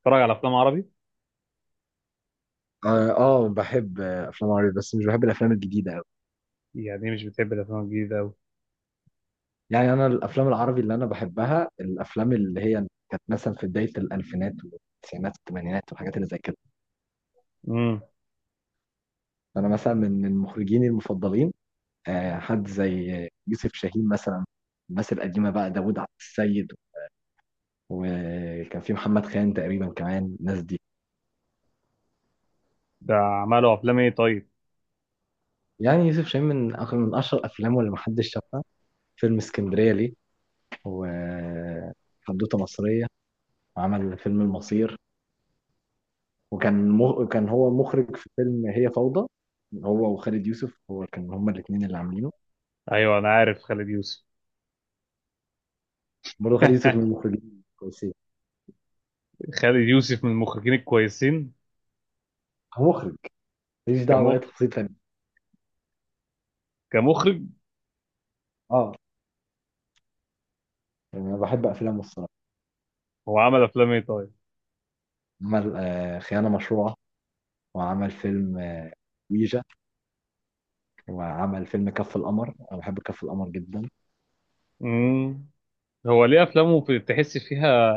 بتتفرج على افلام عربي؟ اه، آه، بحب افلام عربي بس مش بحب الافلام الجديده قوي. يعني مش بتحب الافلام الجديده قوي؟ يعني انا الافلام العربي اللي انا بحبها الافلام اللي هي كانت مثلا في بدايه الالفينات والتسعينات والثمانينات والحاجات اللي زي كده. امم انا مثلا من المخرجين المفضلين، حد زي يوسف شاهين مثلا. الناس القديمه بقى داوود عبد السيد، وكان في محمد خان تقريبا كمان الناس دي. ده عملوا افلام ايه طيب؟ يعني يوسف شاهين من اشهر الافلام اللي محدش شافها فيلم اسكندريه ليه، وحدوته مصريه، وعمل فيلم المصير. وكان مو... كان هو مخرج في فيلم هي فوضى، هو وخالد يوسف، هو كان هما الاثنين اللي عاملينه. ايوه انا عارف خالد يوسف. برضه خالد يوسف من المخرجين كويسين. خالد يوسف من المخرجين الكويسين. هو مخرج، ماليش دعوه باي كمخ تفاصيل تانيه. كمخرج. اه، يعني انا بحب افلامه الصراحه. هو عمل افلام ايه طيب؟ عمل خيانه مشروعه، وعمل فيلم ويجا، وعمل فيلم كف القمر. انا بحب كف القمر جدا. امم هو ليه افلامه تحس فيها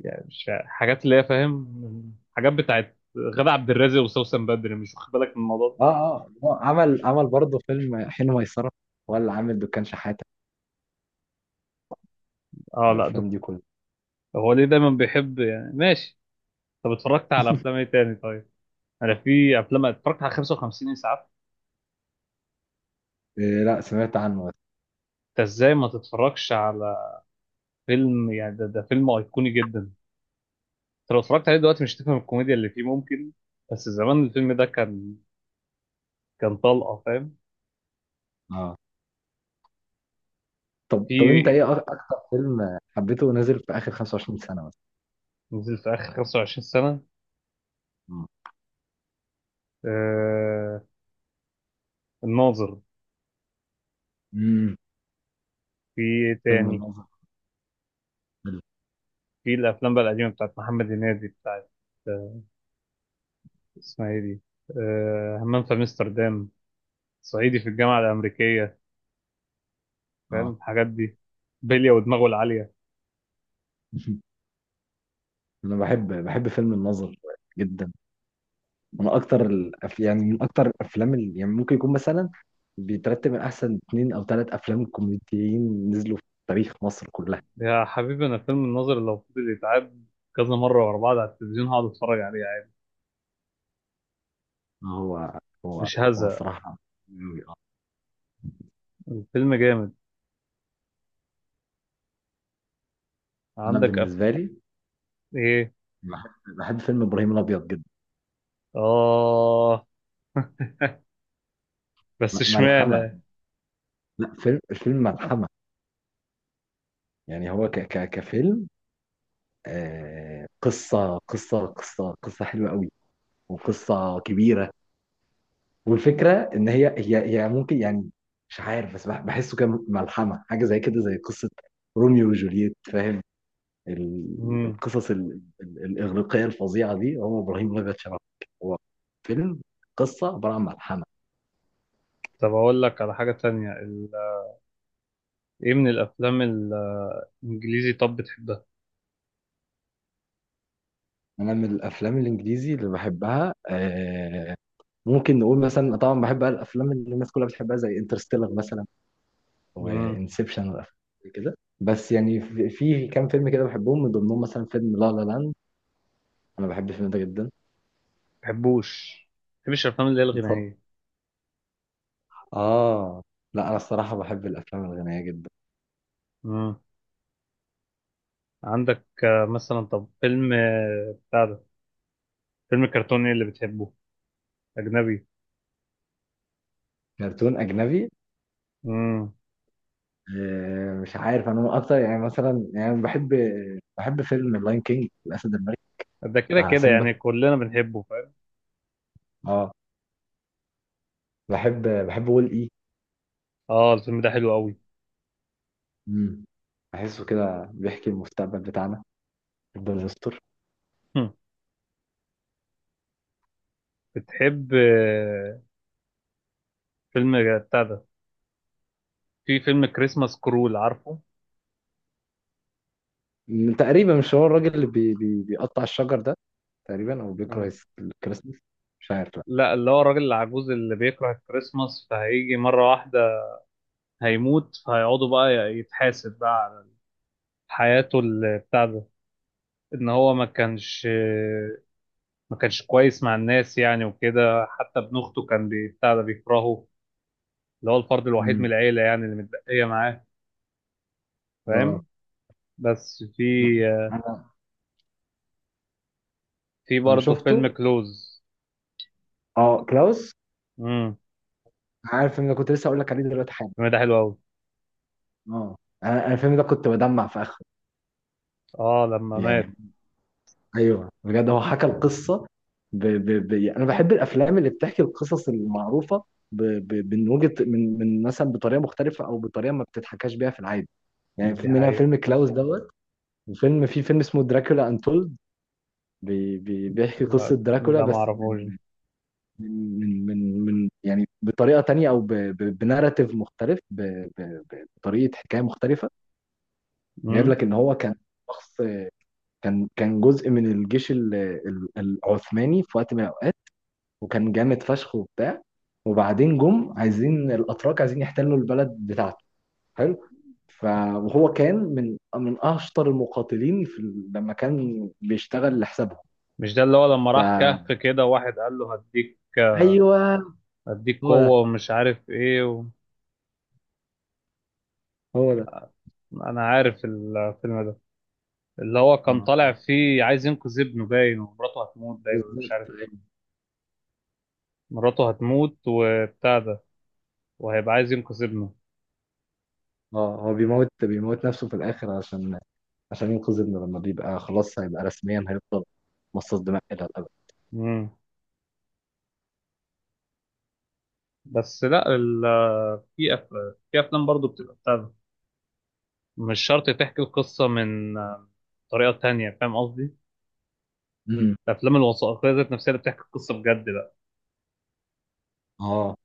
يعني مش حاجات اللي هي، فاهم، حاجات بتاعت غادة عبد الرازق وسوسن بدري، مش واخد بالك من الموضوع ده؟ اه، اه، هو عمل برضه فيلم حين ميسره، ولا عامل دكان شحاته. اه، لا الافلام دكتور. دي كلها. هو ليه دايما بيحب؟ يعني ماشي. طب اتفرجت على افلام ايه تاني طيب؟ انا في افلام، اتفرجت على 55 اسعاف. إيه، لا سمعت عنه بس. انت ازاي ما تتفرجش على فيلم يعني ده؟ ده فيلم ايقوني جدا. انت لو اتفرجت عليه دلوقتي مش هتفهم الكوميديا اللي فيه ممكن، بس زمان الفيلم ده كان، كان طلقه، فاهم؟ اه، طب انت في ايه اكتر فيلم حبيته نازل في اخر 25 سنة مثلا؟ نزل في اخر 25 سنه مم. آه الناظر. امم في إيه فيلم تاني؟ الناظر حلو. في الافلام بقى القديمه بتاعت محمد هنيدي، بتاعت آه اسمها ايه دي؟ همام في امستردام، صعيدي في الجامعه الامريكيه، فاهم اه. الحاجات دي؟ بلية ودماغه العاليه. انا بحب فيلم الناظر جدا، من اكتر يعني من اكتر الافلام اللي يعني ممكن يكون مثلا بيترتب من احسن اتنين او تلات افلام كوميديين نزلوا في تاريخ مصر كلها. يا حبيبي، انا فيلم الناظر لو فضل يتعاد كذا مره ورا بعض على التلفزيون، هقعد اتفرج عليه عادي، هو هو مش هو هزهق. صراحة أوي، آه. الفيلم جامد. انا عندك بالنسبة لي ايه؟ بحب بحب فيلم ابراهيم الابيض جدا. اه. بس ملحمة. اشمعنى؟ لا الفيلم ملحمة. يعني هو كفيلم، قصة حلوة قوي وقصة كبيرة. والفكرة إن هي ممكن يعني مش عارف، بس بحسه كان ملحمة، حاجة زي كده زي قصة روميو وجولييت، فاهم؟ مم. القصص الإغريقية الفظيعة دي، هو إبراهيم الأبيض شبه. هو فيلم قصة عبارة عن ملحمة. طب اقول لك على حاجه تانية، ايه من الافلام الانجليزي طب بتحبها؟ أنا من الأفلام الإنجليزي اللي بحبها ممكن نقول مثلا، طبعا بحب بقى الأفلام اللي الناس كلها بتحبها، زي انترستيلر مثلا امم وانسبشن وافلام كده. بس يعني في كام فيلم كده بحبهم، من ضمنهم مثلا فيلم لا لا لاند. انا بحب الفيلم ده جدا. بحبوش، بحبش الافلام اللي هي بطبع. الغنائيه. اه، لا انا الصراحه بحب الافلام الغنيه جدا. امم عندك مثلا طب فيلم بتاع ده، فيلم كرتوني اللي بتحبه، اجنبي؟ كرتون اجنبي، امم مش عارف، انا من اكتر يعني مثلا يعني بحب فيلم اللاين كينج الاسد الملك ده كده بتاع كده يعني سيمبا. كلنا بنحبه. اه، بحب وول اي. اه الفيلم ده حلو قوي. مم. بحسه كده بيحكي المستقبل بتاعنا، يفضل يستر. هم. بتحب فيلم بتاع ده، في فيلم كريسماس كرول، عارفه؟ تقريبا مش هو الراجل اللي بي بي بيقطع الشجر ده، تقريبا او بيكره مم. الكريسماس، مش عارف، لا. لا، اللي هو الراجل العجوز اللي بيكره الكريسماس، فهيجي مرة واحدة هيموت، فهيقعدوا بقى يتحاسب بقى على حياته، بتاع ده، ان هو ما كانش ما كانش كويس مع الناس يعني وكده، حتى ابن اخته كان بتاع ده، بيكرهه اللي هو الفرد الوحيد من امم، العيلة يعني اللي متبقية معاه، اه، فاهم؟ بس في لا، آه، انا في انا برضه فيلم شفته. كلوز. اه، كلاوس. امم عارف ان انا كنت لسه اقول لك عليه دلوقتي حالا. الفيلم ده حلو قوي. اه، انا الفيلم ده كنت بدمع في اخره. اه لما مات، يعني ايوه، بجد هو حكى القصه. يعني انا بحب الافلام اللي بتحكي القصص المعروفه من وجهه، من مثلا بطريقه مختلفه او بطريقه ما بتتحكاش بيها في العادي. يعني دي في منها حقيقة. فيلم كلاوس دوت، في فيلم اسمه دراكولا انتولد، بيحكي قصه لا دراكولا، ده ما بس اعرفوش. من يعني بطريقه تانية او بناراتيف مختلف، بطريقه حكايه مختلفه. جايب مم؟ لك ان هو كان شخص كان جزء من الجيش العثماني في وقت من الاوقات، وكان جامد فشخ وبتاع. وبعدين جم عايزين، الاتراك عايزين يحتلوا البلد بتاعته. حلو. ف- وهو كان من اشطر المقاتلين في لما كان بيشتغل لحسابهم. مش ده اللي هو لما ف راح كهف كده واحد قال له هديك، ايوه، هديك هو ده، قوة ومش عارف ايه هو ده. انا عارف الفيلم ده، اللي هو كان طالع آه، فيه عايز ينقذ ابنه باين، ومراته هتموت باين، ولا مش بالظبط. عارف. مراته هتموت وبتاع ده، وهيبقى عايز ينقذ ابنه. اه، هو بيموت نفسه في الاخر، عشان ينقذ ابنه، لما بيبقى خلاص هيبقى رسميا هيفضل مصاص دماء الى الابد. مم. بس لا في في افلام برضو بتبقى بتاع ده، مش شرط تحكي القصة من طريقة تانية، فاهم قصدي؟ امم، الافلام الوثائقيه ذات نفسها اللي بتحكي القصه بجد بقى، اه،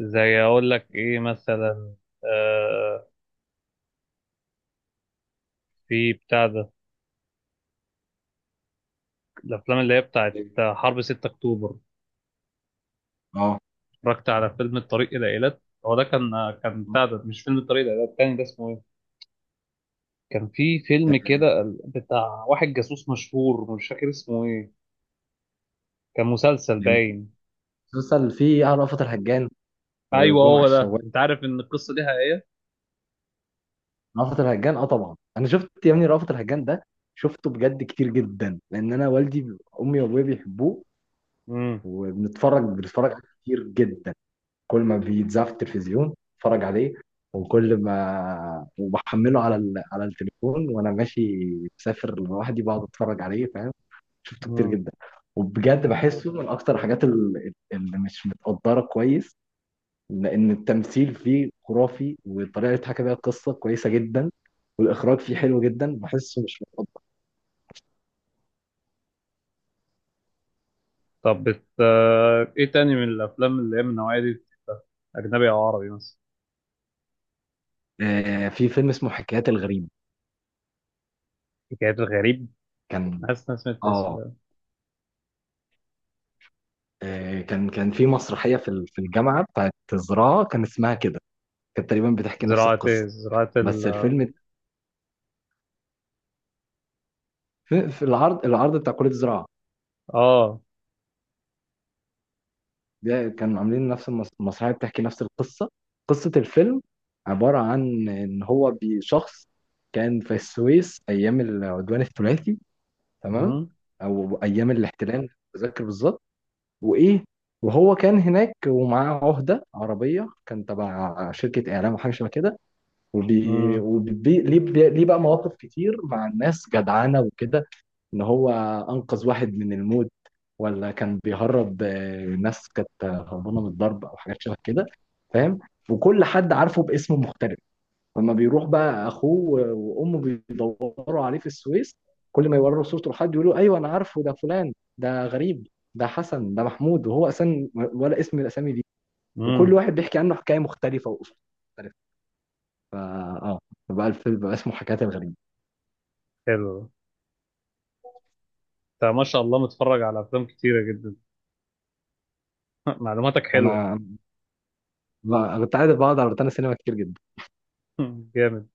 زي اقول لك ايه مثلا، آه في بتاع ده، الافلام اللي هي بتاعت حرب 6 اكتوبر. اه، اتفرجت على فيلم الطريق الى ايلات، هو ده كان، كان بتاع ده، مش فيلم الطريق الى ايلات التاني، ده اسمه ايه؟ كان في فيلم كده بتاع واحد جاسوس مشهور، مش فاكر اسمه ايه، كان مسلسل يعني في باين. مسلسل فيه رأفت الهجان ايوه وجمعة هو ده. الشوال. انت عارف ان القصه دي حقيقيه؟ رأفت الهجان، اه طبعا انا شفت يا ابني رأفت الهجان ده، شفته بجد كتير جدا، لان انا والدي، امي وابويا بيحبوه. امم وبنتفرج عليه كتير جدا. كل ما بيتذاع في التلفزيون اتفرج عليه، وكل ما وبحمله على على التليفون وانا ماشي مسافر لوحدي، بقعد اتفرج عليه. فاهم؟ شفته كتير امم جدا. وبجد بحسه من اكتر الحاجات اللي مش متقدره كويس، لان التمثيل فيه خرافي والطريقه اللي اتحكى بيها القصه كويسه جدا، والاخراج فيه حلو جدا، بحسه مش متقدر. طب ايه تاني من الافلام اللي هي من النوعيه دي، اجنبي او عربي مثلا؟ في فيلم اسمه حكايات الغريب. حكايات الغريب؟ كان، حاسس إن أنا سمعت الاسم اه ده. كان في مسرحيه في في الجامعه بتاعت الزراعه، كان اسمها كده، كانت تقريبا بتحكي نفس زراعة إيه؟ القصه. زراعة بس ال الفيلم، في العرض بتاع كليه الزراعه آه ده كانوا عاملين نفس المسرحيه، بتحكي نفس القصه. قصه الفيلم عباره عن ان هو بشخص كان في السويس ايام العدوان الثلاثي، تمام، مم. او ايام الاحتلال مش متذكر بالظبط. وايه وهو كان هناك ومعاه عهده عربيه كان تبع شركه اعلام وحاجه شبه كده. مم. ليه بقى مواقف كتير مع الناس جدعانه وكده، ان هو انقذ واحد من الموت ولا كان بيهرب ناس كانت هربانه من الضرب او حاجات شبه كده، فاهم؟ وكل حد عارفه باسم مختلف. لما بيروح بقى اخوه وامه بيدوروا عليه في السويس، كل ما يوروا صورته لحد يقولوا ايوه انا عارفه، ده فلان، ده غريب، ده حسن، ده محمود، وهو اصلا ولا اسم من الاسامي دي. وكل مم. واحد بيحكي عنه حكايه مختلفه واسلوب مختلف. فا اه بقى الفيلم بقى اسمه حكايات الغريب. حلو. أنت ما شاء الله متفرج على أفلام كتيرة جدا. معلوماتك حلوة. انا كنت عايز بقعد على روتانا سينما كتير جدا. جامد.